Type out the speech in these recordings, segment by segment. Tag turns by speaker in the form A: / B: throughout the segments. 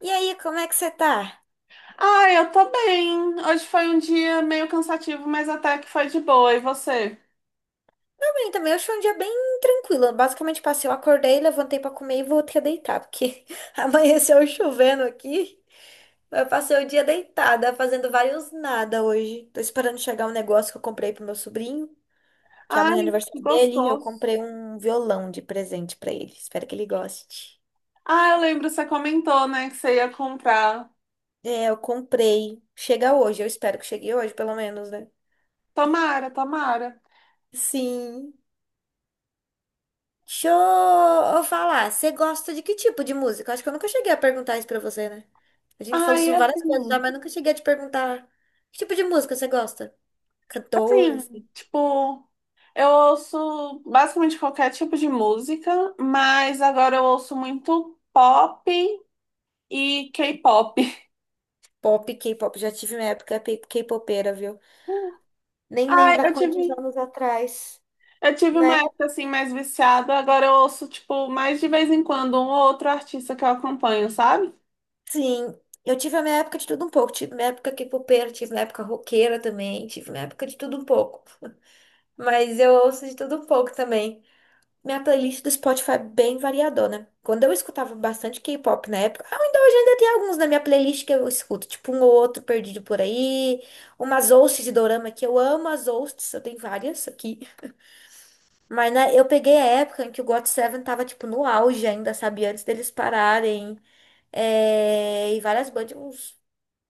A: E aí, como é que você tá?
B: Ah, eu tô bem. Hoje foi um dia meio cansativo, mas até que foi de boa. E você?
A: Tô bem também, hoje foi um dia bem tranquilo. Eu basicamente eu acordei, levantei pra comer e voltei a deitar, porque amanheceu chovendo aqui. Eu passei o dia deitada, fazendo vários nada hoje. Tô esperando chegar um negócio que eu comprei pro meu sobrinho, que é amanhã é
B: Ai, que
A: aniversário dele. Eu
B: gostoso.
A: comprei um violão de presente pra ele. Espero que ele goste.
B: Ah, eu lembro, você comentou, né, que você ia comprar.
A: É, eu comprei. Chega hoje, eu espero que chegue hoje, pelo menos, né?
B: Tomara, tomara.
A: Sim. Deixa eu falar, você gosta de que tipo de música? Acho que eu nunca cheguei a perguntar isso pra você, né? A gente falou
B: Ai,
A: sobre várias coisas já,
B: assim,
A: mas nunca cheguei a te perguntar que tipo de música você gosta? Cantora,
B: assim,
A: assim,
B: tipo, eu ouço basicamente qualquer tipo de música, mas agora eu ouço muito pop e K-pop.
A: pop, K-pop. Já tive minha época K-popeira, viu? Nem
B: Ai,
A: lembro há
B: eu
A: quantos
B: tive.
A: anos atrás,
B: Eu tive uma
A: né?
B: época assim mais viciada, agora eu ouço, tipo, mais de vez em quando um ou outro artista que eu acompanho, sabe?
A: Sim, eu tive a minha época de tudo um pouco. Tive minha época K-popeira, tive minha época roqueira também, tive minha época de tudo um pouco. Mas eu ouço de tudo um pouco também. Minha playlist do Spotify é bem variadona. Quando eu escutava bastante K-pop na época, ainda hoje ainda tem alguns na minha playlist que eu escuto, tipo um ou outro perdido por aí, umas ousts de dorama que eu amo as ousts, eu tenho várias aqui. Mas né, eu peguei a época em que o GOT7 tava tipo no auge ainda, sabe? Antes deles pararem. É, e várias bandas, tipo, uns,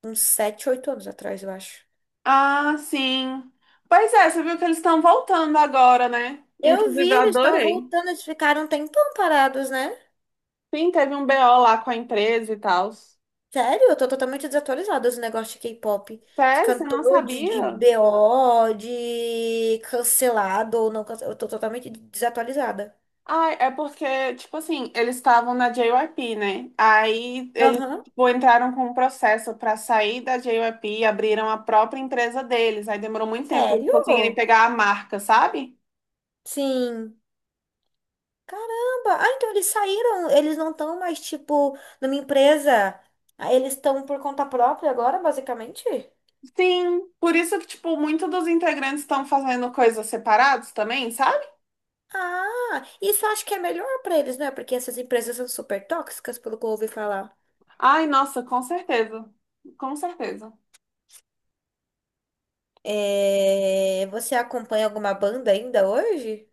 A: uns 7, 8 anos atrás, eu acho.
B: Ah, sim. Pois é, você viu que eles estão voltando agora, né?
A: Eu vi,
B: Inclusive, eu
A: eles estão
B: adorei.
A: voltando, eles ficaram um tempão parados, né?
B: Sim, teve um BO lá com a empresa e tal.
A: Sério, eu tô totalmente desatualizada dos negócios de K-pop. De
B: Sério, você
A: cantor,
B: não
A: de
B: sabia?
A: BO, de cancelado ou não cancelado. Eu tô totalmente desatualizada.
B: Ai, é porque, tipo assim, eles estavam na JYP, né? Aí eles,
A: Aham.
B: tipo, entraram com um processo pra sair da JYP, abriram a própria empresa deles. Aí demorou muito tempo pra eles conseguirem
A: Sério?
B: pegar a marca, sabe?
A: Sim. Caramba. Ah, então eles saíram. Eles não estão mais, tipo, numa empresa. Ah, eles estão por conta própria agora, basicamente?
B: Sim, por isso que, tipo, muitos dos integrantes estão fazendo coisas separados também, sabe?
A: Ah, isso eu acho que é melhor pra eles, né? Porque essas empresas são super tóxicas, pelo que eu ouvi falar.
B: Ai, nossa, com certeza. Com certeza.
A: É, você acompanha alguma banda ainda hoje?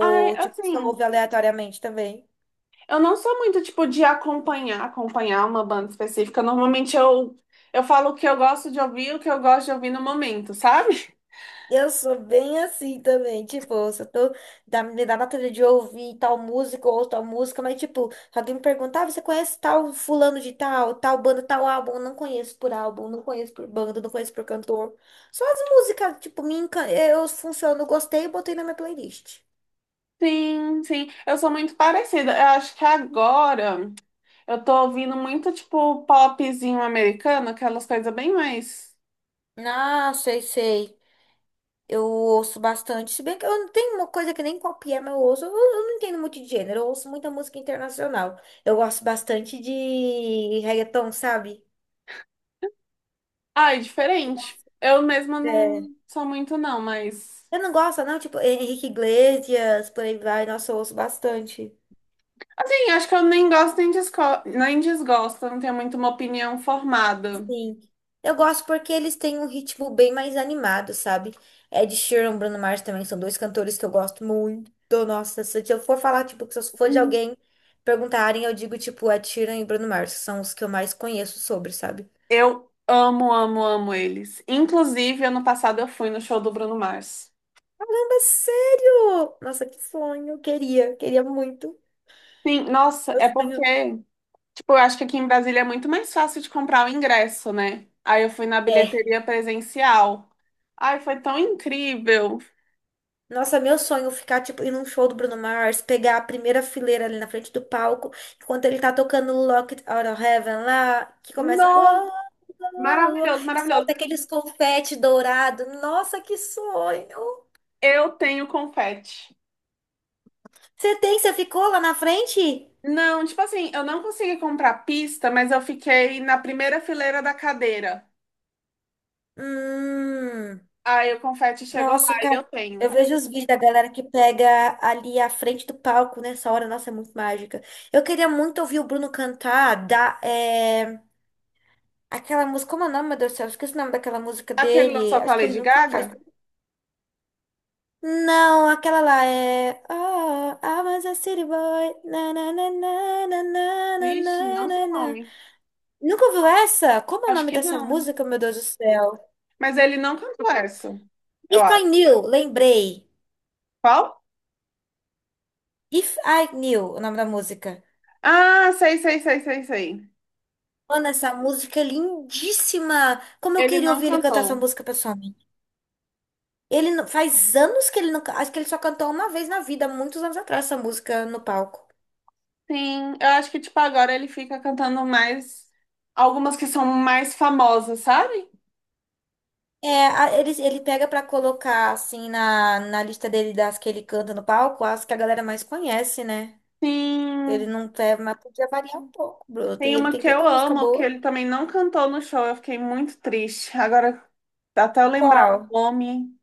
B: Ai,
A: tipo, só
B: assim,
A: ouve aleatoriamente também?
B: eu não sou muito, tipo, de acompanhar uma banda específica. Normalmente eu falo o que eu gosto de ouvir, o que eu gosto de ouvir no momento, sabe?
A: Eu sou bem assim também, tipo, se eu tô me dá vontade de ouvir tal música ou tal música, mas tipo, se alguém me perguntar, "Ah, você conhece tal fulano de tal, tal banda, tal álbum? Eu não conheço por álbum, não conheço por banda, não conheço por cantor. Só as músicas, tipo, eu funciono, gostei e botei na minha playlist.
B: Sim, sim. Eu sou muito parecida. Eu acho que agora eu tô ouvindo muito, tipo, popzinho americano, aquelas coisas bem mais.
A: Ah, sei, sei. Eu ouço bastante, se bem que eu não tenho uma coisa que nem copiar, mas eu ouço, eu não entendo muito de gênero, eu ouço muita música internacional. Eu gosto bastante de reggaeton, sabe?
B: Ai, diferente. Eu mesma
A: É.
B: não sou muito, não, mas.
A: Eu não gosto, não, tipo, Henrique Iglesias, por aí vai, nossa, eu ouço bastante.
B: Assim, acho que eu nem gosto nem, desco... nem desgosto, eu não tenho muito uma opinião formada.
A: Sim. Eu gosto porque eles têm um ritmo bem mais animado, sabe? Ed Sheeran, Bruno Mars também são dois cantores que eu gosto muito. Nossa, se eu for falar, tipo, se eu for de
B: Hum.
A: alguém perguntarem, eu digo, tipo, Ed Sheeran e Bruno Mars, são os que eu mais conheço sobre, sabe?
B: Eu amo, amo, amo eles. Inclusive, ano passado eu fui no show do Bruno Mars.
A: Mas sério? Nossa, que sonho. Eu queria, queria muito.
B: Sim, nossa,
A: Meu
B: é porque,
A: sonho
B: tipo, eu acho que aqui em Brasília é muito mais fácil de comprar o ingresso, né? Aí eu fui na
A: é.
B: bilheteria presencial. Ai, foi tão incrível.
A: Nossa, meu sonho ficar, tipo, ir num show do Bruno Mars, pegar a primeira fileira ali na frente do palco, enquanto ele tá tocando Locked Out of Heaven lá, que começa.
B: Nossa,
A: "Uou, uou, uou",
B: maravilhoso,
A: e
B: maravilhoso.
A: solta aqueles confete dourado. Nossa, que sonho!
B: Eu tenho confete.
A: Você tem? Você ficou lá na frente?
B: Não, tipo assim, eu não consegui comprar pista, mas eu fiquei na primeira fileira da cadeira.
A: Hum.
B: Aí o confete chegou lá
A: Nossa,
B: e eu
A: cara, eu
B: tenho.
A: vejo os vídeos da galera que pega ali à frente do palco nessa hora, nossa, é muito mágica. Eu queria muito ouvir o Bruno cantar aquela música, como é o nome, meu Deus do céu? Eu esqueci o nome daquela música
B: Aquele
A: dele.
B: lançou com
A: Acho
B: a
A: que ele
B: Lady
A: nunca faz.
B: Gaga?
A: Não, aquela lá é. Oh, I was a city boy. Na, na, na, na, na, na, na,
B: Vixe,
A: na,
B: não sei
A: na,
B: o
A: na.
B: nome.
A: Nunca ouviu essa? Como é o
B: Acho
A: nome
B: que
A: dessa
B: não.
A: música, meu Deus do céu?
B: Mas ele não cantou essa, eu
A: If I
B: acho.
A: Knew, lembrei.
B: Qual?
A: If I Knew, o nome da música.
B: Ah, sei, sei, sei, sei, sei.
A: Mano, essa música é lindíssima. Como eu
B: Ele
A: queria
B: não
A: ouvir ele cantar essa
B: cantou.
A: música pessoalmente. Ele não- faz anos que ele não, acho que ele só cantou uma vez na vida, muitos anos atrás, essa música no palco.
B: Sim, eu acho que, tipo, agora ele fica cantando mais algumas que são mais famosas, sabe?
A: É, ele pega pra colocar assim na lista dele das que ele canta no palco, as que a galera mais conhece, né? Ele
B: Sim.
A: não tem, mas podia variar um pouco, Bruno.
B: Tem
A: Ele
B: uma
A: tem
B: que eu
A: tanta música
B: amo, que
A: boa.
B: ele também não cantou no show. Eu fiquei muito triste. Agora, até eu lembrar
A: Qual?
B: o nome.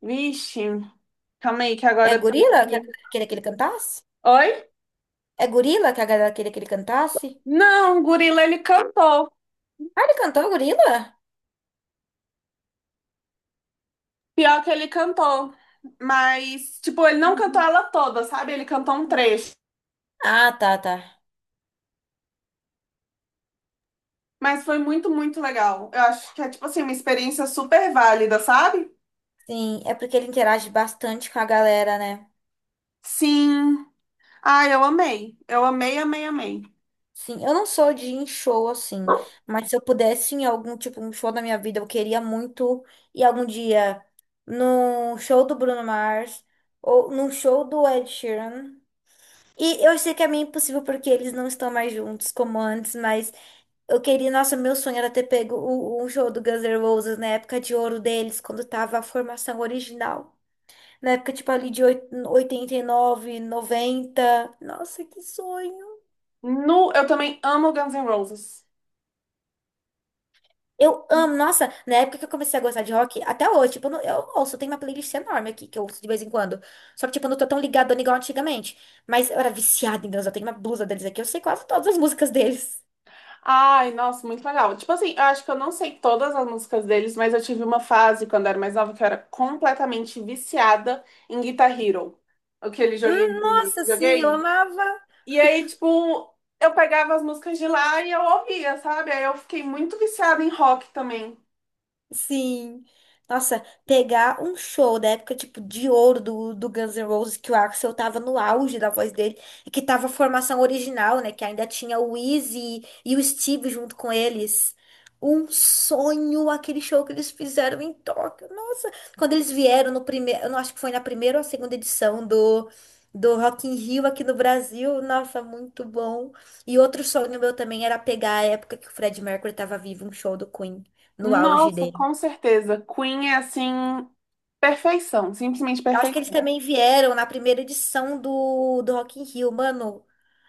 B: Vixe, calma aí, que
A: É
B: agora eu tenho
A: Gorila que a
B: que.
A: galera queria que ele cantasse?
B: Oi?
A: É Gorila que a galera queria que ele cantasse?
B: Não, o Gorila ele cantou.
A: Ah, ele cantou Gorila?
B: Pior que ele cantou. Mas, tipo, ele não cantou ela toda, sabe? Ele cantou um trecho.
A: Ah, tá, tá.
B: Mas foi muito, muito legal. Eu acho que é, tipo assim, uma experiência super válida, sabe?
A: Sim, é porque ele interage bastante com a galera, né?
B: Sim. Ah, eu amei. Eu amei, amei, amei.
A: Sim, eu não sou de ir em show assim, mas se eu pudesse ir em algum tipo um show da minha vida, eu queria muito ir algum dia no show do Bruno Mars ou no show do Ed Sheeran. E eu sei que é meio impossível porque eles não estão mais juntos como antes, mas eu queria, nossa, meu sonho era ter pego o show do Guns N' Roses na época de ouro deles, quando tava a formação original. Na época, tipo, ali de 89, 90, nossa, que sonho.
B: No, eu também amo Guns N' Roses.
A: Eu amo. Nossa, na época que eu comecei a gostar de rock, até hoje, tipo, eu, não- eu ouço, tem uma playlist enorme aqui que eu ouço de vez em quando. Só que, tipo, eu não tô tão ligadona igual antigamente. Mas eu era viciada em Deus, eu tenho uma blusa deles aqui, eu sei quase todas as músicas deles.
B: Ai, nossa, muito legal. Tipo assim, eu acho que eu não sei todas as músicas deles, mas eu tive uma fase quando eu era mais nova que eu era completamente viciada em Guitar Hero, aquele joguinho de
A: Nossa, sim, eu
B: videogame.
A: amava.
B: E aí, tipo, eu pegava as músicas de lá e eu ouvia, sabe? Aí eu fiquei muito viciada em rock também.
A: Sim. Nossa, pegar um show da época, tipo, de ouro do Guns N' Roses, que o Axl tava no auge da voz dele, e que tava a formação original, né? Que ainda tinha o Izzy e o Steve junto com eles. Um sonho aquele show que eles fizeram em Tóquio. Nossa, quando eles vieram no primeiro, eu não acho que foi na primeira ou a segunda edição do Rock in Rio aqui no Brasil. Nossa, muito bom. E outro sonho meu também era pegar a época que o Fred Mercury tava vivo, um show do Queen no auge
B: Nossa,
A: dele.
B: com certeza. Queen é assim, perfeição, simplesmente
A: Eu acho que eles
B: perfeição.
A: também vieram na primeira edição do Rock in Rio, mano.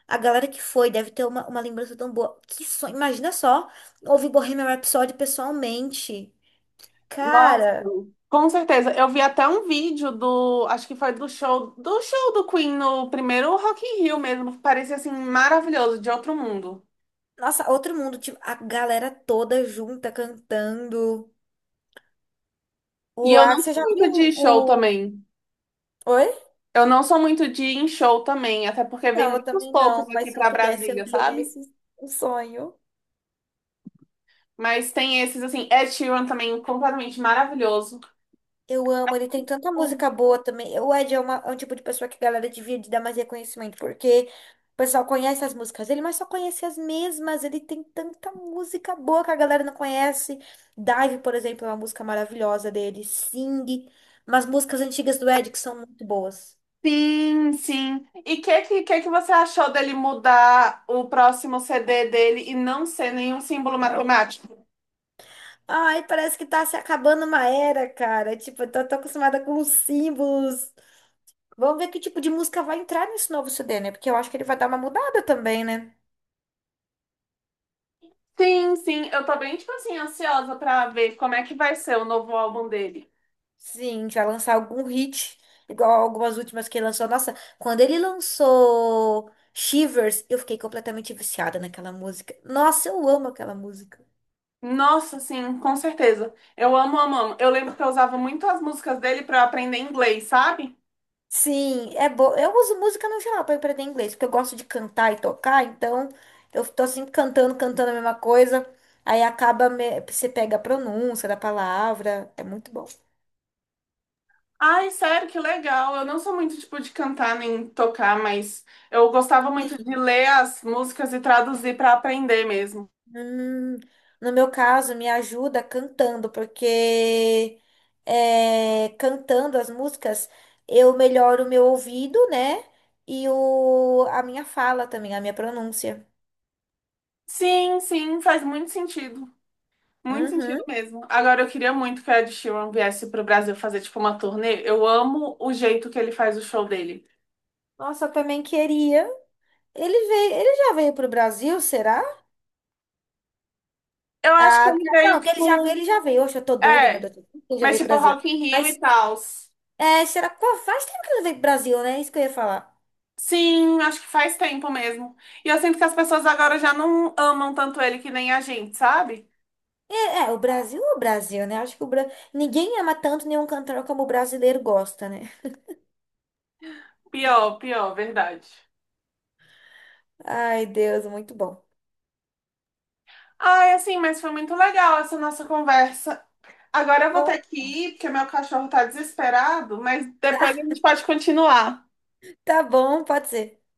A: A galera que foi deve ter uma lembrança tão boa. Que sonho, imagina só, ouvir Bohemian Rhapsody pessoalmente.
B: Nossa,
A: Cara,
B: com certeza. Eu vi até um vídeo do, acho que foi do show do Queen no primeiro Rock in Rio mesmo, que parecia assim maravilhoso, de outro mundo.
A: nossa, outro mundo, tipo, a galera toda junta cantando.
B: E
A: O
B: eu não
A: Axel,
B: sou
A: já viu
B: muito de show
A: o-
B: também.
A: Oi?
B: Eu não sou muito de ir em show também, até porque vem
A: Não, eu
B: muitos
A: também
B: poucos
A: não, mas
B: aqui
A: se eu
B: pra
A: pudesse, eu
B: Brasília,
A: iria
B: sabe?
A: nesse um sonho.
B: Mas tem esses assim, Ed Sheeran também completamente maravilhoso.
A: Eu amo, ele tem tanta música boa também. O Ed é, é um tipo de pessoa que a galera devia de dar mais reconhecimento, porque o pessoal conhece as músicas dele, mas só conhece as mesmas. Ele tem tanta música boa que a galera não conhece. Dive, por exemplo, é uma música maravilhosa dele. Sing, umas músicas antigas do Ed que são muito boas.
B: Sim, sim. E o que você achou dele mudar o próximo CD dele e não ser nenhum símbolo matemático?
A: Ai, parece que tá se acabando uma era, cara. Tipo, eu tô acostumada com os símbolos. Vamos ver que tipo de música vai entrar nesse novo CD, né? Porque eu acho que ele vai dar uma mudada também, né?
B: Sim, sim, eu tô bem, tipo assim, ansiosa pra ver como é que vai ser o novo álbum dele.
A: Sim, vai lançar algum hit, igual algumas últimas que ele lançou. Nossa, quando ele lançou Shivers, eu fiquei completamente viciada naquela música. Nossa, eu amo aquela música.
B: Nossa, sim, com certeza. Eu amo, amo, amo. Eu lembro que eu usava muito as músicas dele pra eu aprender inglês, sabe?
A: Sim, é bom. Eu uso música no geral para aprender inglês, porque eu gosto de cantar e tocar, então eu tô sempre cantando, cantando a mesma coisa. Aí acaba, você pega a pronúncia da palavra, é muito bom.
B: Ai, sério, que legal. Eu não sou muito tipo de cantar nem tocar, mas eu gostava muito de ler as músicas e traduzir pra aprender mesmo.
A: Hum, no meu caso, me ajuda cantando, porque é, cantando as músicas, eu melhoro o meu ouvido, né? E a minha fala também, a minha pronúncia.
B: Sim, sim, faz muito sentido. Muito
A: Uhum.
B: sentido mesmo. Agora, eu queria muito que o Ed Sheeran viesse pro Brasil fazer, tipo, uma turnê. Eu amo o jeito que ele faz o show dele.
A: Nossa, eu também queria. Ele veio, ele já veio pro Brasil, será?
B: Eu acho que
A: Ah,
B: ele
A: tá-
B: veio,
A: não, que ele já veio, ele
B: tipo.
A: já veio. Oxe, eu tô doida, meu
B: É,
A: Deus. Ele já
B: mas
A: veio pro
B: tipo
A: Brasil.
B: Rock in Rio e
A: Mas,
B: tal.
A: é, será? Pô, faz tempo que ele não veio pro Brasil, né? É isso que eu ia falar.
B: Sim, acho que faz tempo mesmo. E eu sinto que as pessoas agora já não amam tanto ele que nem a gente, sabe?
A: É, é o Brasil, né? Acho que o Bra... ninguém ama tanto nenhum cantor como o brasileiro gosta, né?
B: Pior, pior, verdade.
A: Ai, Deus, muito bom.
B: Ai, assim, mas foi muito legal essa nossa conversa. Agora eu vou ter
A: Ou
B: que ir, porque meu cachorro tá desesperado, mas depois a
A: tá,
B: gente pode continuar.
A: tá bom, pode ser.